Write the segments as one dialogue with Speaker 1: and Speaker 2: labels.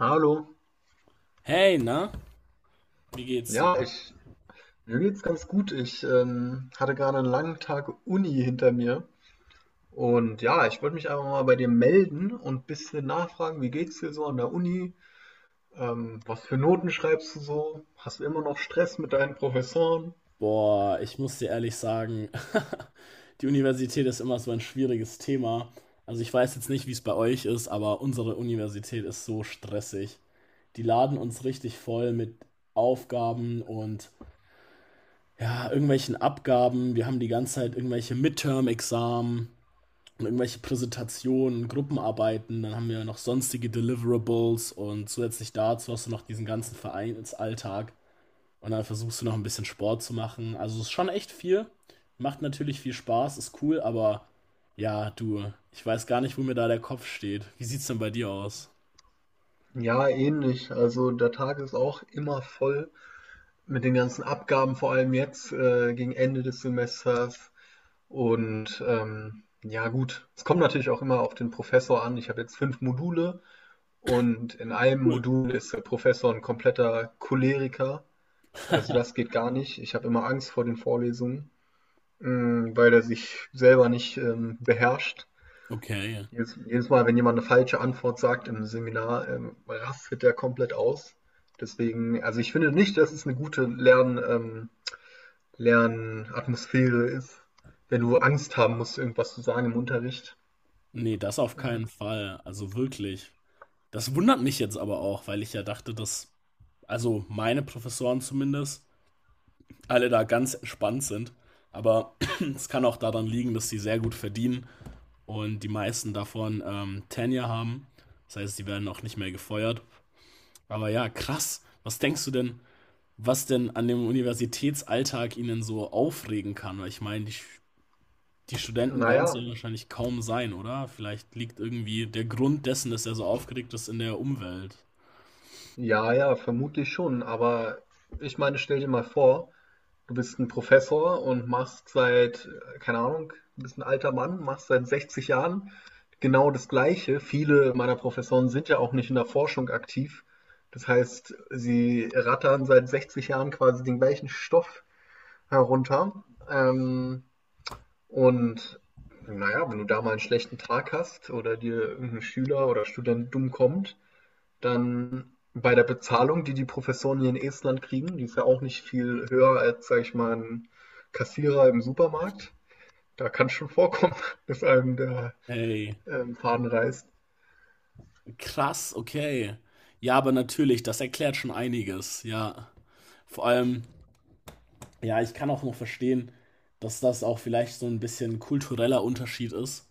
Speaker 1: Hallo.
Speaker 2: Hey, na? Wie geht's dir?
Speaker 1: Ja, ich Mir geht's ganz gut. Ich hatte gerade einen langen Tag Uni hinter mir, und ja, ich wollte mich einfach mal bei dir melden und ein bisschen nachfragen, wie geht's dir so an der Uni? Was für Noten schreibst du so? Hast du immer noch Stress mit deinen Professoren?
Speaker 2: Boah, ich muss dir ehrlich sagen, die Universität ist immer so ein schwieriges Thema. Also ich weiß jetzt nicht, wie es bei euch ist, aber unsere Universität ist so stressig. Die laden uns richtig voll mit Aufgaben und ja, irgendwelchen Abgaben. Wir haben die ganze Zeit irgendwelche Midterm-Examen und irgendwelche Präsentationen, Gruppenarbeiten. Dann haben wir noch sonstige Deliverables und zusätzlich dazu hast du noch diesen ganzen Vereinsalltag. Und dann versuchst du noch ein bisschen Sport zu machen. Also es ist schon echt viel. Macht natürlich viel Spaß, ist cool, aber ja, du, ich weiß gar nicht, wo mir da der Kopf steht. Wie sieht's denn bei dir aus?
Speaker 1: Ja, ähnlich. Also der Tag ist auch immer voll mit den ganzen Abgaben, vor allem jetzt gegen Ende des Semesters. Und ja, gut, es kommt natürlich auch immer auf den Professor an. Ich habe jetzt fünf Module. Und in einem
Speaker 2: Cool.
Speaker 1: Modul ist der Professor ein kompletter Choleriker. Also das geht gar nicht. Ich habe immer Angst vor den Vorlesungen, mh, weil er sich selber nicht beherrscht.
Speaker 2: Okay.
Speaker 1: Jedes Mal, wenn jemand eine falsche Antwort sagt im Seminar, rastet er komplett aus. Deswegen, also ich finde nicht, dass es eine gute Lernatmosphäre ist, wenn du Angst haben musst, irgendwas zu sagen im Unterricht.
Speaker 2: Nee, das auf keinen
Speaker 1: Mhm.
Speaker 2: Fall. Also wirklich. Das wundert mich jetzt aber auch, weil ich ja dachte, dass, also meine Professoren zumindest, alle da ganz entspannt sind. Aber es kann auch daran liegen, dass sie sehr gut verdienen und die meisten davon Tenure haben. Das heißt, die werden auch nicht mehr gefeuert. Aber ja, krass. Was denkst du denn, was denn an dem Universitätsalltag ihnen so aufregen kann? Weil ich meine, die, die Studenten werden es ja
Speaker 1: Naja,
Speaker 2: wahrscheinlich kaum sein, oder? Vielleicht liegt irgendwie der Grund dessen, dass er so aufgeregt ist, in der Umwelt.
Speaker 1: ja, vermutlich schon. Aber ich meine, stell dir mal vor, du bist ein Professor und machst seit, keine Ahnung, du bist 'n alter Mann, machst seit 60 Jahren genau das Gleiche. Viele meiner Professoren sind ja auch nicht in der Forschung aktiv. Das heißt, sie rattern seit 60 Jahren quasi den gleichen Stoff herunter. Und na ja, wenn du da mal einen schlechten Tag hast oder dir irgendein Schüler oder Student dumm kommt, dann bei der Bezahlung, die die Professoren hier in Estland kriegen, die ist ja auch nicht viel höher als, sage ich mal, ein Kassierer im Supermarkt. Da kann es schon vorkommen, dass einem der
Speaker 2: Hey,
Speaker 1: Faden reißt.
Speaker 2: krass, okay. Ja, aber natürlich, das erklärt schon einiges, ja. Vor allem, ja, ich kann auch noch verstehen, dass das auch vielleicht so ein bisschen kultureller Unterschied ist,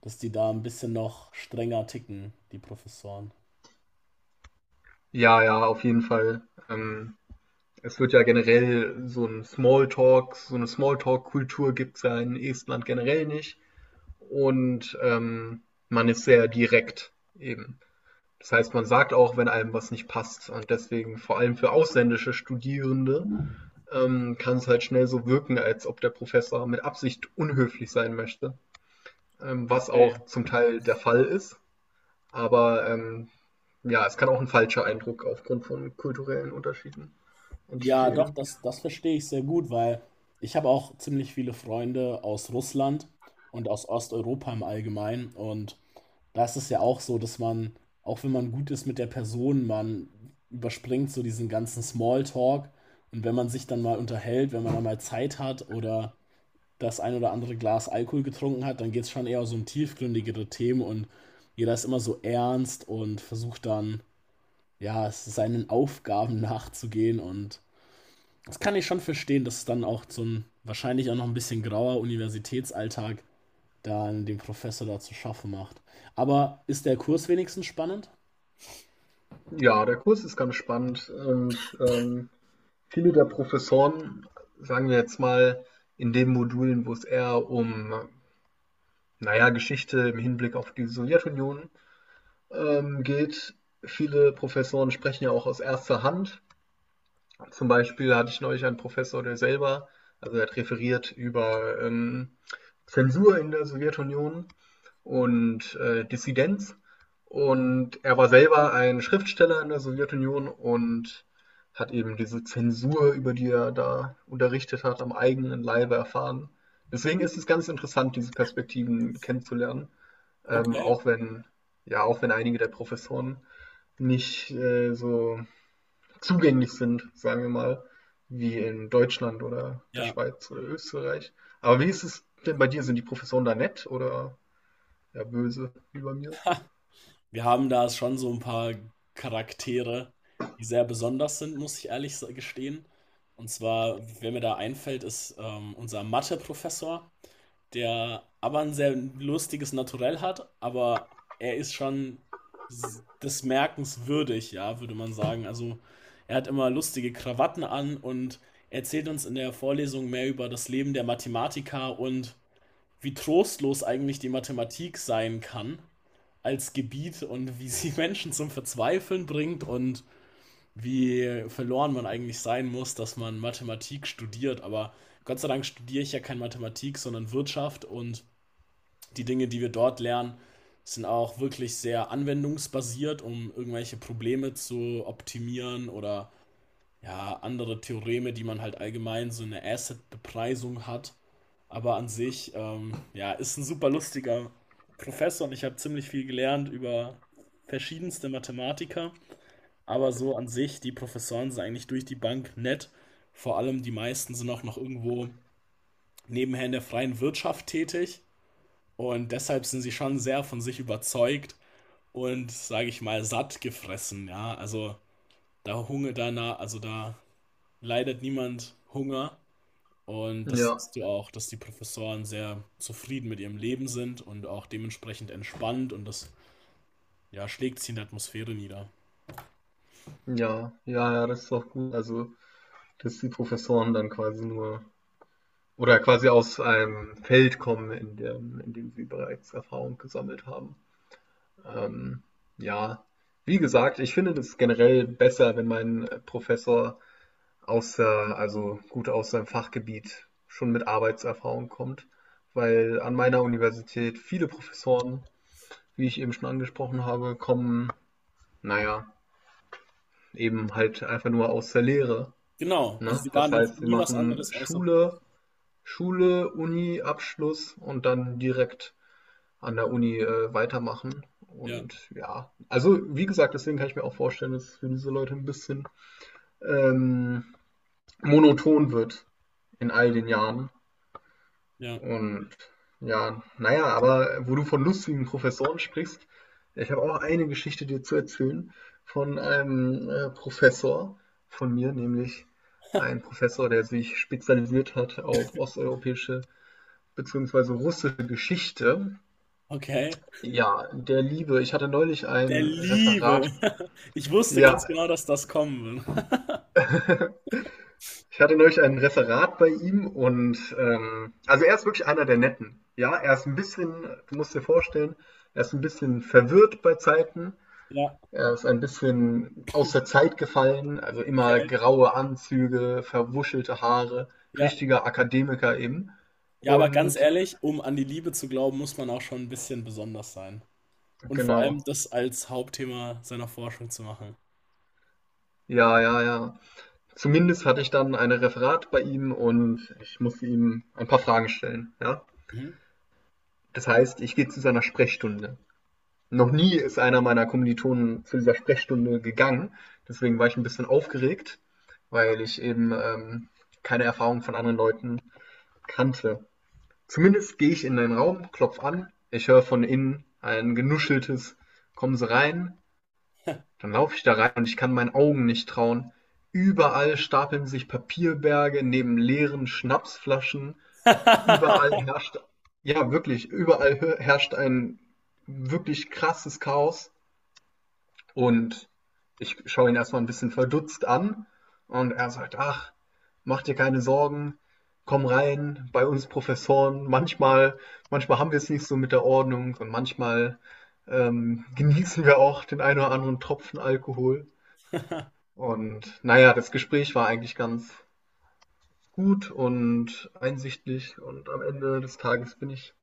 Speaker 2: dass die da ein bisschen noch strenger ticken, die Professoren.
Speaker 1: Ja, ja, auf jeden Fall. Ähm, Es wird ja generell so ein Smalltalk, so eine Smalltalk-Kultur gibt es ja in Estland generell nicht. Und man ist sehr direkt eben. Das heißt, man sagt auch, wenn einem was nicht passt. Und deswegen, vor allem für ausländische Studierende, kann es halt schnell so wirken, als ob der Professor mit Absicht unhöflich sein möchte, was auch zum Teil der Fall ist. Aber ja, es kann auch ein falscher Eindruck aufgrund von kulturellen Unterschieden
Speaker 2: Ja, doch,
Speaker 1: entstehen.
Speaker 2: das verstehe ich sehr gut, weil ich habe auch ziemlich viele Freunde aus Russland und aus Osteuropa im Allgemeinen. Und da ist es ja auch so, dass man, auch wenn man gut ist mit der Person, man überspringt so diesen ganzen Smalltalk. Und wenn man sich dann mal unterhält, wenn man dann mal Zeit hat oder das ein oder andere Glas Alkohol getrunken hat, dann geht es schon eher so um tiefgründigere Themen und jeder ist immer so ernst und versucht dann, ja, seinen Aufgaben nachzugehen und das kann ich schon verstehen, dass es dann auch zum wahrscheinlich auch noch ein bisschen grauer Universitätsalltag dann dem Professor da zu schaffen macht. Aber ist der Kurs wenigstens spannend?
Speaker 1: Ja, der Kurs ist ganz spannend, und viele der Professoren, sagen wir jetzt mal, in den Modulen, wo es eher um, naja, Geschichte im Hinblick auf die Sowjetunion geht, viele Professoren sprechen ja auch aus erster Hand. Zum Beispiel hatte ich neulich einen Professor, der selber, also er hat referiert über Zensur in der Sowjetunion und Dissidenz. Und er war selber ein Schriftsteller in der Sowjetunion und hat eben diese Zensur, über die er da unterrichtet hat, am eigenen Leibe erfahren. Deswegen ist es ganz interessant, diese Perspektiven kennenzulernen,
Speaker 2: Okay,
Speaker 1: auch wenn, ja, auch wenn einige der Professoren nicht so zugänglich sind, sagen wir mal, wie in Deutschland oder der
Speaker 2: ja.
Speaker 1: Schweiz oder Österreich. Aber wie ist es denn bei dir? Sind die Professoren da nett oder ja böse wie bei mir?
Speaker 2: Wir haben da schon so ein paar Charaktere, die sehr besonders sind, muss ich ehrlich gestehen. Und zwar, wer mir da einfällt, ist unser Mathe-Professor, der aber ein sehr lustiges Naturell hat, aber er ist schon des Merkens würdig, ja, würde man sagen. Also er hat immer lustige Krawatten an und erzählt uns in der Vorlesung mehr über das Leben der Mathematiker und wie trostlos eigentlich die Mathematik sein kann als Gebiet und wie sie Menschen zum Verzweifeln bringt und wie verloren man eigentlich sein muss, dass man Mathematik studiert. Aber Gott sei Dank studiere ich ja kein Mathematik, sondern Wirtschaft und die Dinge, die wir dort lernen, sind auch wirklich sehr anwendungsbasiert, um irgendwelche Probleme zu optimieren oder ja, andere Theoreme, die man halt allgemein so eine Asset-Bepreisung hat. Aber an sich, ja, ist ein super lustiger Professor und ich habe ziemlich viel gelernt über verschiedenste Mathematiker. Aber so an sich, die Professoren sind eigentlich durch die Bank nett. Vor allem die meisten sind auch noch irgendwo nebenher in der freien Wirtschaft tätig. Und deshalb sind sie schon sehr von sich überzeugt und, sage ich mal, satt gefressen, ja. Also da Hunger danach, also da leidet niemand Hunger. Und das
Speaker 1: Ja,
Speaker 2: siehst du auch, dass die Professoren sehr zufrieden mit ihrem Leben sind und auch dementsprechend entspannt und das ja, schlägt sich in der Atmosphäre nieder.
Speaker 1: ja, das ist doch gut. Also, dass die Professoren dann quasi nur oder quasi aus einem Feld kommen, in dem sie bereits Erfahrung gesammelt haben. Ähm, ja, wie gesagt, ich finde das generell besser, wenn mein Professor aus der also gut aus seinem Fachgebiet schon mit Arbeitserfahrung kommt, weil an meiner Universität viele Professoren, wie ich eben schon angesprochen habe, kommen, naja, eben halt einfach nur aus der Lehre.
Speaker 2: Genau, also
Speaker 1: Ne?
Speaker 2: sie waren
Speaker 1: Das
Speaker 2: noch
Speaker 1: heißt, sie
Speaker 2: nie was
Speaker 1: machen
Speaker 2: anderes außer.
Speaker 1: Schule, Uni, Abschluss und dann direkt an der Uni weitermachen.
Speaker 2: Ja,
Speaker 1: Und ja, also wie gesagt, deswegen kann ich mir auch vorstellen, dass es für diese Leute ein bisschen ähm, monoton wird in all den Jahren.
Speaker 2: ja.
Speaker 1: Und ja, naja, aber wo du von lustigen Professoren sprichst, ich habe auch eine Geschichte dir zu erzählen von einem Professor von mir, nämlich ein Professor, der sich spezialisiert hat auf osteuropäische bzw. russische Geschichte.
Speaker 2: Okay.
Speaker 1: Ja, der Liebe. Ich hatte neulich
Speaker 2: Der
Speaker 1: ein
Speaker 2: Liebe.
Speaker 1: Referat.
Speaker 2: Ich wusste
Speaker 1: Ja,
Speaker 2: ganz genau, dass das kommen wird.
Speaker 1: ich hatte neulich ein Referat bei ihm, und also er ist wirklich einer der Netten. Ja, er ist ein bisschen, du musst dir vorstellen, er ist ein bisschen verwirrt bei Zeiten.
Speaker 2: Ja,
Speaker 1: Er ist ein bisschen aus der Zeit gefallen, also immer
Speaker 2: okay.
Speaker 1: graue Anzüge, verwuschelte Haare,
Speaker 2: Ja,
Speaker 1: richtiger Akademiker eben.
Speaker 2: ja, aber ganz
Speaker 1: Und
Speaker 2: ehrlich, um an die Liebe zu glauben, muss man auch schon ein bisschen besonders sein. Und vor allem
Speaker 1: genau,
Speaker 2: das als Hauptthema seiner Forschung zu machen.
Speaker 1: ja. Zumindest hatte ich dann ein Referat bei ihm und ich musste ihm ein paar Fragen stellen. Ja?
Speaker 2: Mhm.
Speaker 1: Das heißt, ich gehe zu seiner Sprechstunde. Noch nie ist einer meiner Kommilitonen zu dieser Sprechstunde gegangen. Deswegen war ich ein bisschen aufgeregt, weil ich eben keine Erfahrung von anderen Leuten kannte. Zumindest gehe ich in den Raum, klopfe an, ich höre von innen ein genuscheltes Kommen Sie rein, dann laufe ich da rein und ich kann meinen Augen nicht trauen. Überall stapeln sich Papierberge neben leeren Schnapsflaschen. Überall herrscht, Überall herrscht ein wirklich krasses Chaos. Und ich schaue ihn erstmal ein bisschen verdutzt an, und er sagt, ach, mach dir keine Sorgen, komm rein, bei uns Professoren, manchmal haben wir es nicht so mit der Ordnung, und manchmal genießen wir auch den einen oder anderen Tropfen Alkohol. Und naja, das Gespräch war eigentlich ganz gut und einsichtig, und am Ende des Tages bin ich,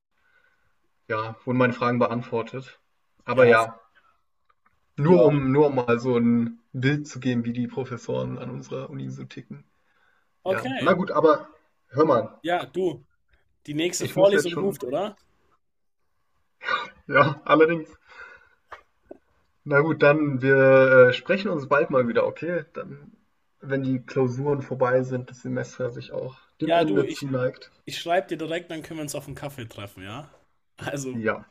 Speaker 1: ja, wurden meine Fragen beantwortet. Aber
Speaker 2: Ja,
Speaker 1: ja, Nur
Speaker 2: ja,
Speaker 1: um, nur um mal so ein Bild zu geben, wie die Professoren an unserer Uni so ticken. Ja, na
Speaker 2: okay.
Speaker 1: gut, aber hör mal.
Speaker 2: Ja, du, die nächste
Speaker 1: Ich muss jetzt
Speaker 2: Vorlesung
Speaker 1: schon.
Speaker 2: ruft, oder?
Speaker 1: Ja, allerdings. Na gut, dann wir sprechen uns bald mal wieder, okay? Dann, wenn die Klausuren vorbei sind, das Semester sich auch dem
Speaker 2: Ja, du,
Speaker 1: Ende zuneigt.
Speaker 2: ich schreibe dir direkt, dann können wir uns auf einen Kaffee treffen, ja? Also,
Speaker 1: Ja,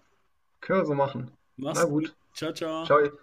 Speaker 1: können wir so machen.
Speaker 2: mach's
Speaker 1: Na
Speaker 2: gut.
Speaker 1: gut,
Speaker 2: Ciao,
Speaker 1: ciao.
Speaker 2: ciao.